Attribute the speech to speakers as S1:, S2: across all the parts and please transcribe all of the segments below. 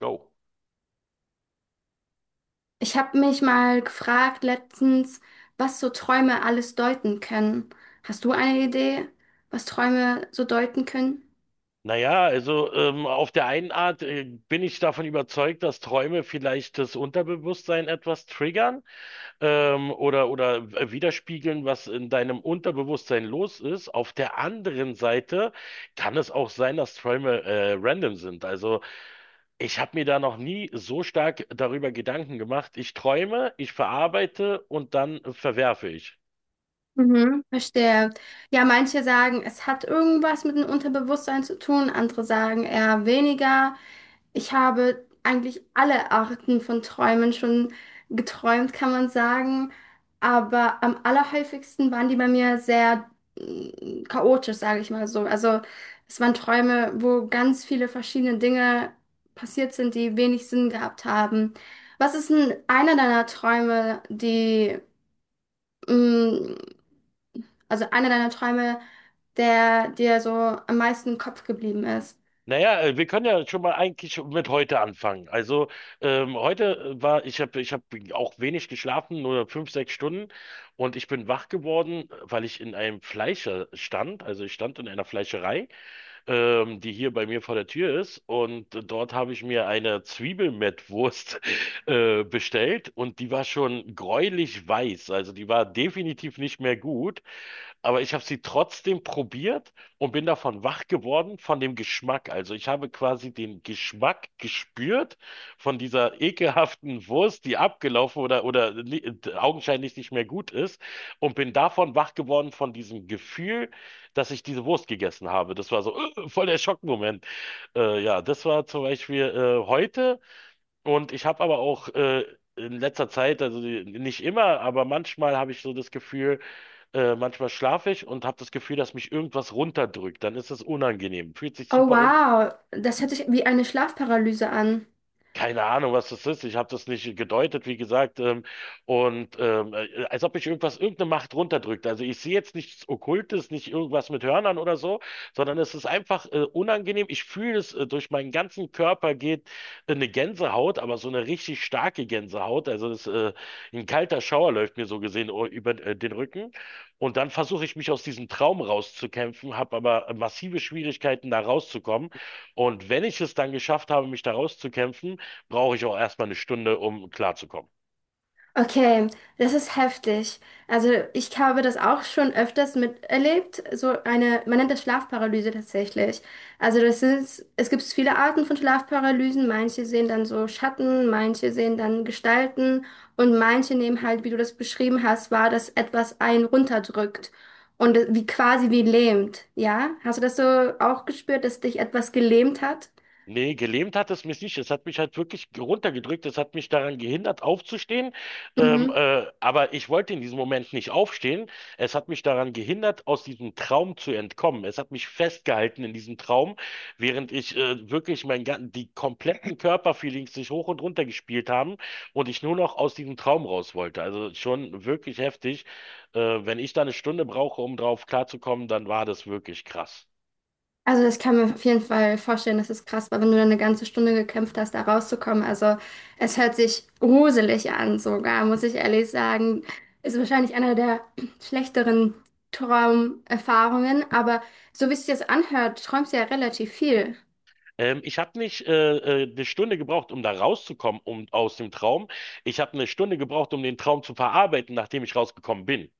S1: Go.
S2: Ich habe mich mal gefragt letztens, was so Träume alles deuten können. Hast du eine Idee, was Träume so deuten können?
S1: Naja, also auf der einen Art bin ich davon überzeugt, dass Träume vielleicht das Unterbewusstsein etwas triggern widerspiegeln, was in deinem Unterbewusstsein los ist. Auf der anderen Seite kann es auch sein, dass Träume random sind. Also ich habe mir da noch nie so stark darüber Gedanken gemacht. Ich träume, ich verarbeite und dann verwerfe ich.
S2: Mhm, verstehe. Ja, manche sagen, es hat irgendwas mit dem Unterbewusstsein zu tun, andere sagen eher weniger. Ich habe eigentlich alle Arten von Träumen schon geträumt, kann man sagen. Aber am allerhäufigsten waren die bei mir sehr chaotisch, sage ich mal so. Also es waren Träume, wo ganz viele verschiedene Dinge passiert sind, die wenig Sinn gehabt haben. Was ist denn einer deiner Träume, die mm, also einer deiner Träume, der dir so am meisten im Kopf geblieben ist?
S1: Naja, wir können ja schon mal eigentlich mit heute anfangen. Also heute ich hab auch wenig geschlafen, nur 5, 6 Stunden. Und ich bin wach geworden, weil ich in einem Fleischer stand. Also ich stand in einer Fleischerei die hier bei mir vor der Tür ist. Und dort habe ich mir eine Zwiebelmettwurst bestellt, und die war schon gräulich weiß. Also die war definitiv nicht mehr gut. Aber ich habe sie trotzdem probiert und bin davon wach geworden, von dem Geschmack. Also ich habe quasi den Geschmack gespürt von dieser ekelhaften Wurst, die abgelaufen oder augenscheinlich nicht mehr gut ist, und bin davon wach geworden von diesem Gefühl, dass ich diese Wurst gegessen habe. Das war so voll der Schockmoment. Ja, das war zum Beispiel heute, und ich habe aber auch in letzter Zeit, also nicht immer, aber manchmal habe ich so das Gefühl, manchmal schlafe ich und habe das Gefühl, dass mich irgendwas runterdrückt. Dann ist es unangenehm, fühlt sich
S2: Oh
S1: super.
S2: wow, das hört sich wie eine Schlafparalyse an.
S1: Keine Ahnung, was das ist. Ich habe das nicht gedeutet, wie gesagt. Als ob ich irgendwas, irgendeine Macht runterdrückt. Also ich sehe jetzt nichts Okkultes, nicht irgendwas mit Hörnern oder so, sondern es ist einfach unangenehm. Ich fühle es, durch meinen ganzen Körper geht eine Gänsehaut, aber so eine richtig starke Gänsehaut. Also ein kalter Schauer läuft mir so gesehen über den Rücken. Und dann versuche ich, mich aus diesem Traum rauszukämpfen, habe aber massive Schwierigkeiten, da rauszukommen. Und wenn ich es dann geschafft habe, mich da rauszukämpfen, brauche ich auch erstmal 1 Stunde, um klarzukommen.
S2: Okay, das ist heftig. Also ich habe das auch schon öfters miterlebt. So eine, man nennt das Schlafparalyse tatsächlich. Also das ist, es gibt viele Arten von Schlafparalysen. Manche sehen dann so Schatten, manche sehen dann Gestalten und manche nehmen halt, wie du das beschrieben hast, wahr, dass etwas einen runterdrückt und wie quasi wie lähmt. Ja? Hast du das so auch gespürt, dass dich etwas gelähmt hat?
S1: Nee, gelähmt hat es mich nicht. Es hat mich halt wirklich runtergedrückt. Es hat mich daran gehindert, aufzustehen.
S2: Mhm.
S1: Aber ich wollte in diesem Moment nicht aufstehen. Es hat mich daran gehindert, aus diesem Traum zu entkommen. Es hat mich festgehalten in diesem Traum, während ich wirklich die kompletten Körperfeelings sich hoch und runter gespielt haben und ich nur noch aus diesem Traum raus wollte. Also schon wirklich heftig. Wenn ich da 1 Stunde brauche, um drauf klarzukommen, dann war das wirklich krass.
S2: Also das kann man auf jeden Fall vorstellen, das ist krass, weil wenn du dann eine ganze Stunde gekämpft hast, da rauszukommen. Also es hört sich gruselig an sogar, muss ich ehrlich sagen. Ist wahrscheinlich einer der schlechteren Traumerfahrungen, aber so wie es sich jetzt anhört, träumst du ja relativ viel.
S1: Ich habe nicht 1 Stunde gebraucht, um da rauszukommen, um aus dem Traum. Ich habe 1 Stunde gebraucht, um den Traum zu verarbeiten, nachdem ich rausgekommen bin.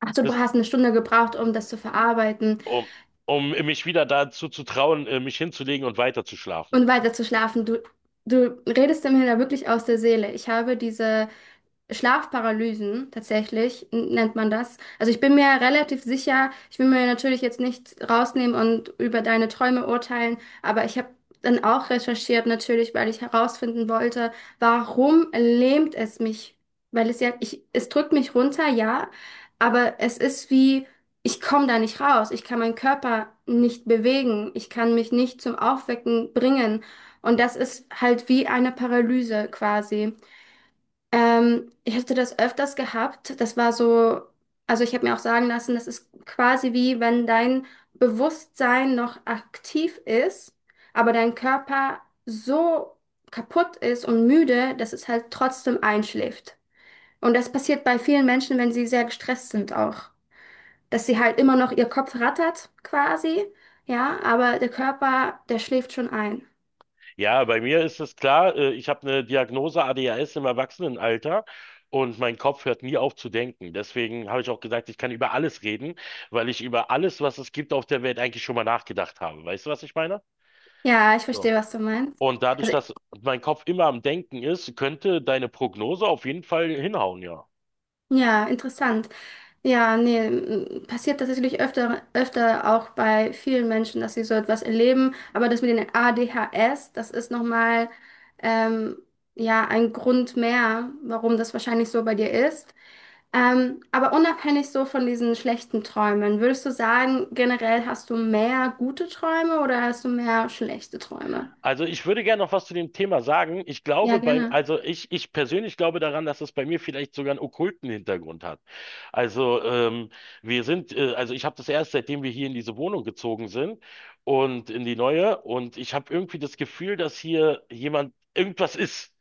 S2: Ach so, du
S1: Das,
S2: hast eine Stunde gebraucht, um das zu verarbeiten.
S1: um, um mich wieder dazu zu trauen, mich hinzulegen und weiterzuschlafen.
S2: Und weiter zu schlafen. Du redest mir da wirklich aus der Seele. Ich habe diese Schlafparalysen, tatsächlich, nennt man das. Also ich bin mir relativ sicher, ich will mir natürlich jetzt nicht rausnehmen und über deine Träume urteilen, aber ich habe dann auch recherchiert natürlich, weil ich herausfinden wollte, warum lähmt es mich? Weil es ja, ich, es drückt mich runter, ja, aber es ist wie, ich komme da nicht raus. Ich kann meinen Körper nicht bewegen. Ich kann mich nicht zum Aufwecken bringen. Und das ist halt wie eine Paralyse quasi. Ich hatte das öfters gehabt. Das war so, also ich habe mir auch sagen lassen, das ist quasi wie wenn dein Bewusstsein noch aktiv ist, aber dein Körper so kaputt ist und müde, dass es halt trotzdem einschläft. Und das passiert bei vielen Menschen, wenn sie sehr gestresst sind auch, dass sie halt immer noch ihr Kopf rattert quasi, ja, aber der Körper, der schläft schon ein.
S1: Ja, bei mir ist es klar, ich habe eine Diagnose ADHS im Erwachsenenalter. Und mein Kopf hört nie auf zu denken. Deswegen habe ich auch gesagt, ich kann über alles reden, weil ich über alles, was es gibt auf der Welt, eigentlich schon mal nachgedacht habe. Weißt du, was ich meine?
S2: Ja, ich
S1: So.
S2: verstehe, was du meinst.
S1: Und dadurch,
S2: Also,
S1: dass mein Kopf immer am Denken ist, könnte deine Prognose auf jeden Fall hinhauen, ja.
S2: ja, interessant. Ja, nee, passiert tatsächlich öfter, öfter auch bei vielen Menschen, dass sie so etwas erleben. Aber das mit den ADHS, das ist nochmal, ähm, ja, ein Grund mehr, warum das wahrscheinlich so bei dir ist. Aber unabhängig so von diesen schlechten Träumen, würdest du sagen, generell hast du mehr gute Träume oder hast du mehr schlechte Träume?
S1: Also ich würde gerne noch was zu dem Thema sagen. Ich glaube
S2: Ja,
S1: bei,
S2: gerne.
S1: also ich persönlich glaube daran, dass es bei mir vielleicht sogar einen okkulten Hintergrund hat. Also also ich habe das erst, seitdem wir hier in diese Wohnung gezogen sind und in die neue. Und ich habe irgendwie das Gefühl, dass hier jemand, irgendwas ist.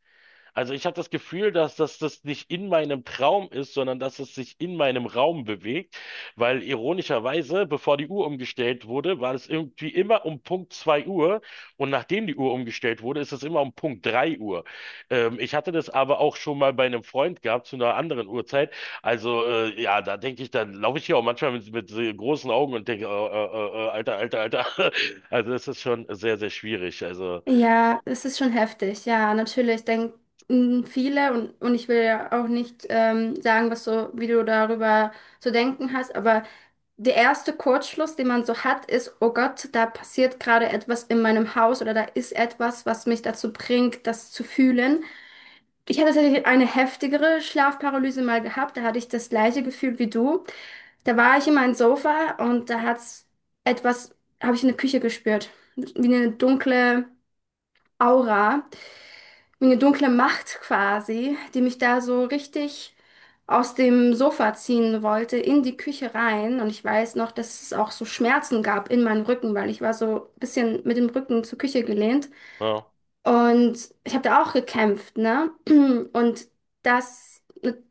S1: Also ich habe das Gefühl, dass das nicht in meinem Traum ist, sondern dass es sich in meinem Raum bewegt, weil ironischerweise, bevor die Uhr umgestellt wurde, war es irgendwie immer um Punkt 2 Uhr, und nachdem die Uhr umgestellt wurde, ist es immer um Punkt 3 Uhr. Ich hatte das aber auch schon mal bei einem Freund gehabt zu einer anderen Uhrzeit. Also ja, da denke ich, dann laufe ich hier auch manchmal mit, so großen Augen und denke, Alter, Alter, Alter. Also das ist schon sehr, sehr schwierig. Also,
S2: Ja, es ist schon heftig. Ja, natürlich denken viele und, ich will ja auch nicht sagen, was so, wie du darüber zu denken hast, aber der erste Kurzschluss, den man so hat, ist, oh Gott, da passiert gerade etwas in meinem Haus oder da ist etwas, was mich dazu bringt, das zu fühlen. Ich hatte tatsächlich eine heftigere Schlafparalyse mal gehabt. Da hatte ich das gleiche Gefühl wie du. Da war ich in meinem Sofa und da hat's etwas, habe ich in der Küche gespürt. Wie eine dunkle Aura, wie eine dunkle Macht quasi, die mich da so richtig aus dem Sofa ziehen wollte, in die Küche rein. Und ich weiß noch, dass es auch so Schmerzen gab in meinem Rücken, weil ich war so ein bisschen mit dem Rücken zur Küche gelehnt.
S1: ja.
S2: Und ich habe da auch gekämpft, ne? Und das,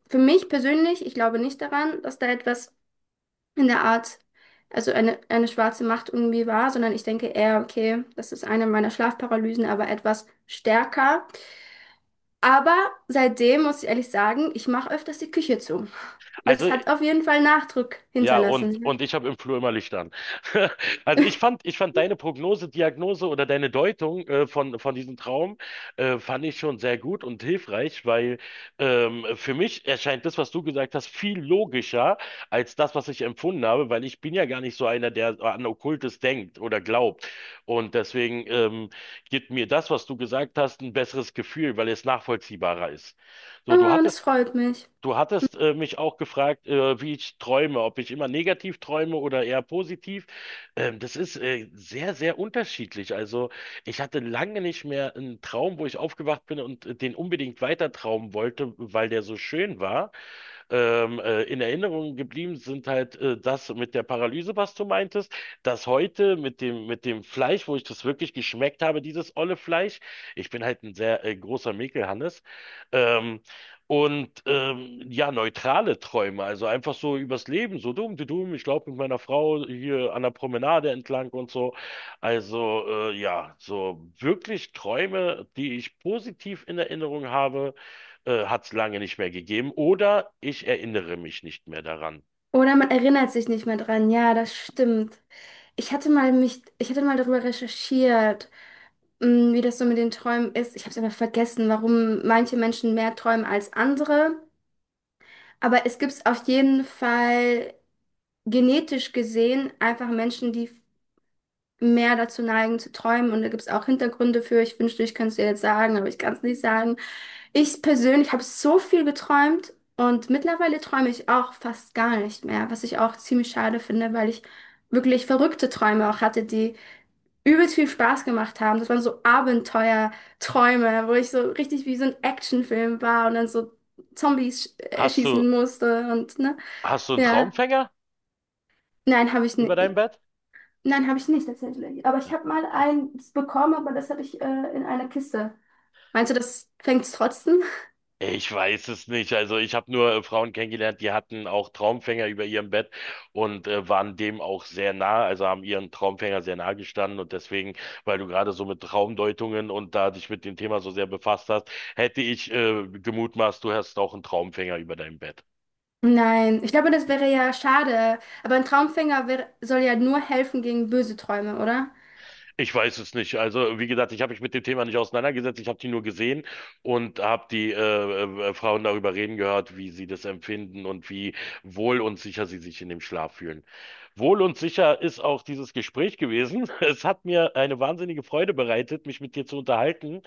S2: für mich persönlich, ich glaube nicht daran, dass da etwas in der Art, also eine schwarze Macht irgendwie war, sondern ich denke eher, okay, das ist eine meiner Schlafparalysen, aber etwas stärker. Aber seitdem muss ich ehrlich sagen, ich mache öfters die Küche zu. Das
S1: Also
S2: hat auf jeden Fall Nachdruck
S1: ja,
S2: hinterlassen.
S1: und ich habe im Flur immer Licht an. Also ich fand deine Prognose, Diagnose oder deine Deutung von diesem Traum, fand ich schon sehr gut und hilfreich, weil für mich erscheint das, was du gesagt hast, viel logischer als das, was ich empfunden habe, weil ich bin ja gar nicht so einer, der an Okkultes denkt oder glaubt. Und deswegen gibt mir das, was du gesagt hast, ein besseres Gefühl, weil es nachvollziehbarer ist. So, du
S2: Ah, das
S1: hattest
S2: freut mich.
S1: Du hattest äh, mich auch gefragt, wie ich träume, ob ich immer negativ träume oder eher positiv. Das ist sehr, sehr unterschiedlich. Also ich hatte lange nicht mehr einen Traum, wo ich aufgewacht bin und den unbedingt weiter träumen wollte, weil der so schön war. In Erinnerung geblieben sind halt das mit der Paralyse, was du meintest, das heute mit dem Fleisch, wo ich das wirklich geschmeckt habe, dieses olle Fleisch. Ich bin halt ein sehr großer Mäkelhannes. Ähm, Und ja, neutrale Träume, also einfach so übers Leben, so dumm, du dumm, ich glaube mit meiner Frau hier an der Promenade entlang und so. Also ja, so wirklich Träume, die ich positiv in Erinnerung habe, hat es lange nicht mehr gegeben. Oder ich erinnere mich nicht mehr daran.
S2: Oder man erinnert sich nicht mehr dran. Ja, das stimmt. Ich hatte mal darüber recherchiert. Wie das so mit den Träumen ist, ich habe es aber vergessen, warum manche Menschen mehr träumen als andere. Aber es gibt auf jeden Fall genetisch gesehen einfach Menschen, die mehr dazu neigen zu träumen. Und da gibt es auch Hintergründe für. Ich wünschte, ich könnte es dir jetzt sagen, aber ich kann es nicht sagen. Ich persönlich habe so viel geträumt und mittlerweile träume ich auch fast gar nicht mehr, was ich auch ziemlich schade finde, weil ich wirklich verrückte Träume auch hatte, die übelst viel Spaß gemacht haben. Das waren so Abenteuerträume, wo ich so richtig wie so ein Actionfilm war und dann so Zombies
S1: Hast
S2: erschießen
S1: du,
S2: musste und ne.
S1: hast du einen
S2: Ja.
S1: Traumfänger
S2: Nein, habe ich
S1: über
S2: nicht.
S1: deinem Bett?
S2: Nein, habe ich nicht tatsächlich. Aber ich habe mal eins bekommen, aber das hatte ich in einer Kiste. Meinst du, das fängt's trotzdem?
S1: Ich weiß es nicht. Also ich habe nur Frauen kennengelernt, die hatten auch Traumfänger über ihrem Bett und waren dem auch sehr nah, also haben ihren Traumfänger sehr nah gestanden, und deswegen, weil du gerade so mit Traumdeutungen und da dich mit dem Thema so sehr befasst hast, hätte ich gemutmaßt, du hast auch einen Traumfänger über deinem Bett.
S2: Nein, ich glaube, das wäre ja schade. Aber ein Traumfänger wär, soll ja nur helfen gegen böse Träume, oder?
S1: Ich weiß es nicht. Also, wie gesagt, ich habe mich mit dem Thema nicht auseinandergesetzt. Ich habe die nur gesehen und habe die Frauen darüber reden gehört, wie sie das empfinden und wie wohl und sicher sie sich in dem Schlaf fühlen. Wohl und sicher ist auch dieses Gespräch gewesen. Es hat mir eine wahnsinnige Freude bereitet, mich mit dir zu unterhalten.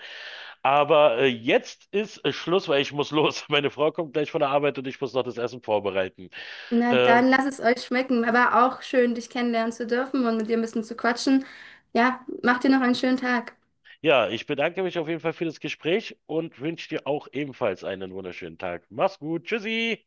S1: Aber jetzt ist Schluss, weil ich muss los. Meine Frau kommt gleich von der Arbeit, und ich muss noch das Essen vorbereiten.
S2: Na,
S1: Ähm,
S2: dann lasst es euch schmecken. Aber auch schön, dich kennenlernen zu dürfen und mit dir ein bisschen zu quatschen. Ja, macht dir noch einen schönen Tag.
S1: Ja, ich bedanke mich auf jeden Fall für das Gespräch und wünsche dir auch ebenfalls einen wunderschönen Tag. Mach's gut. Tschüssi.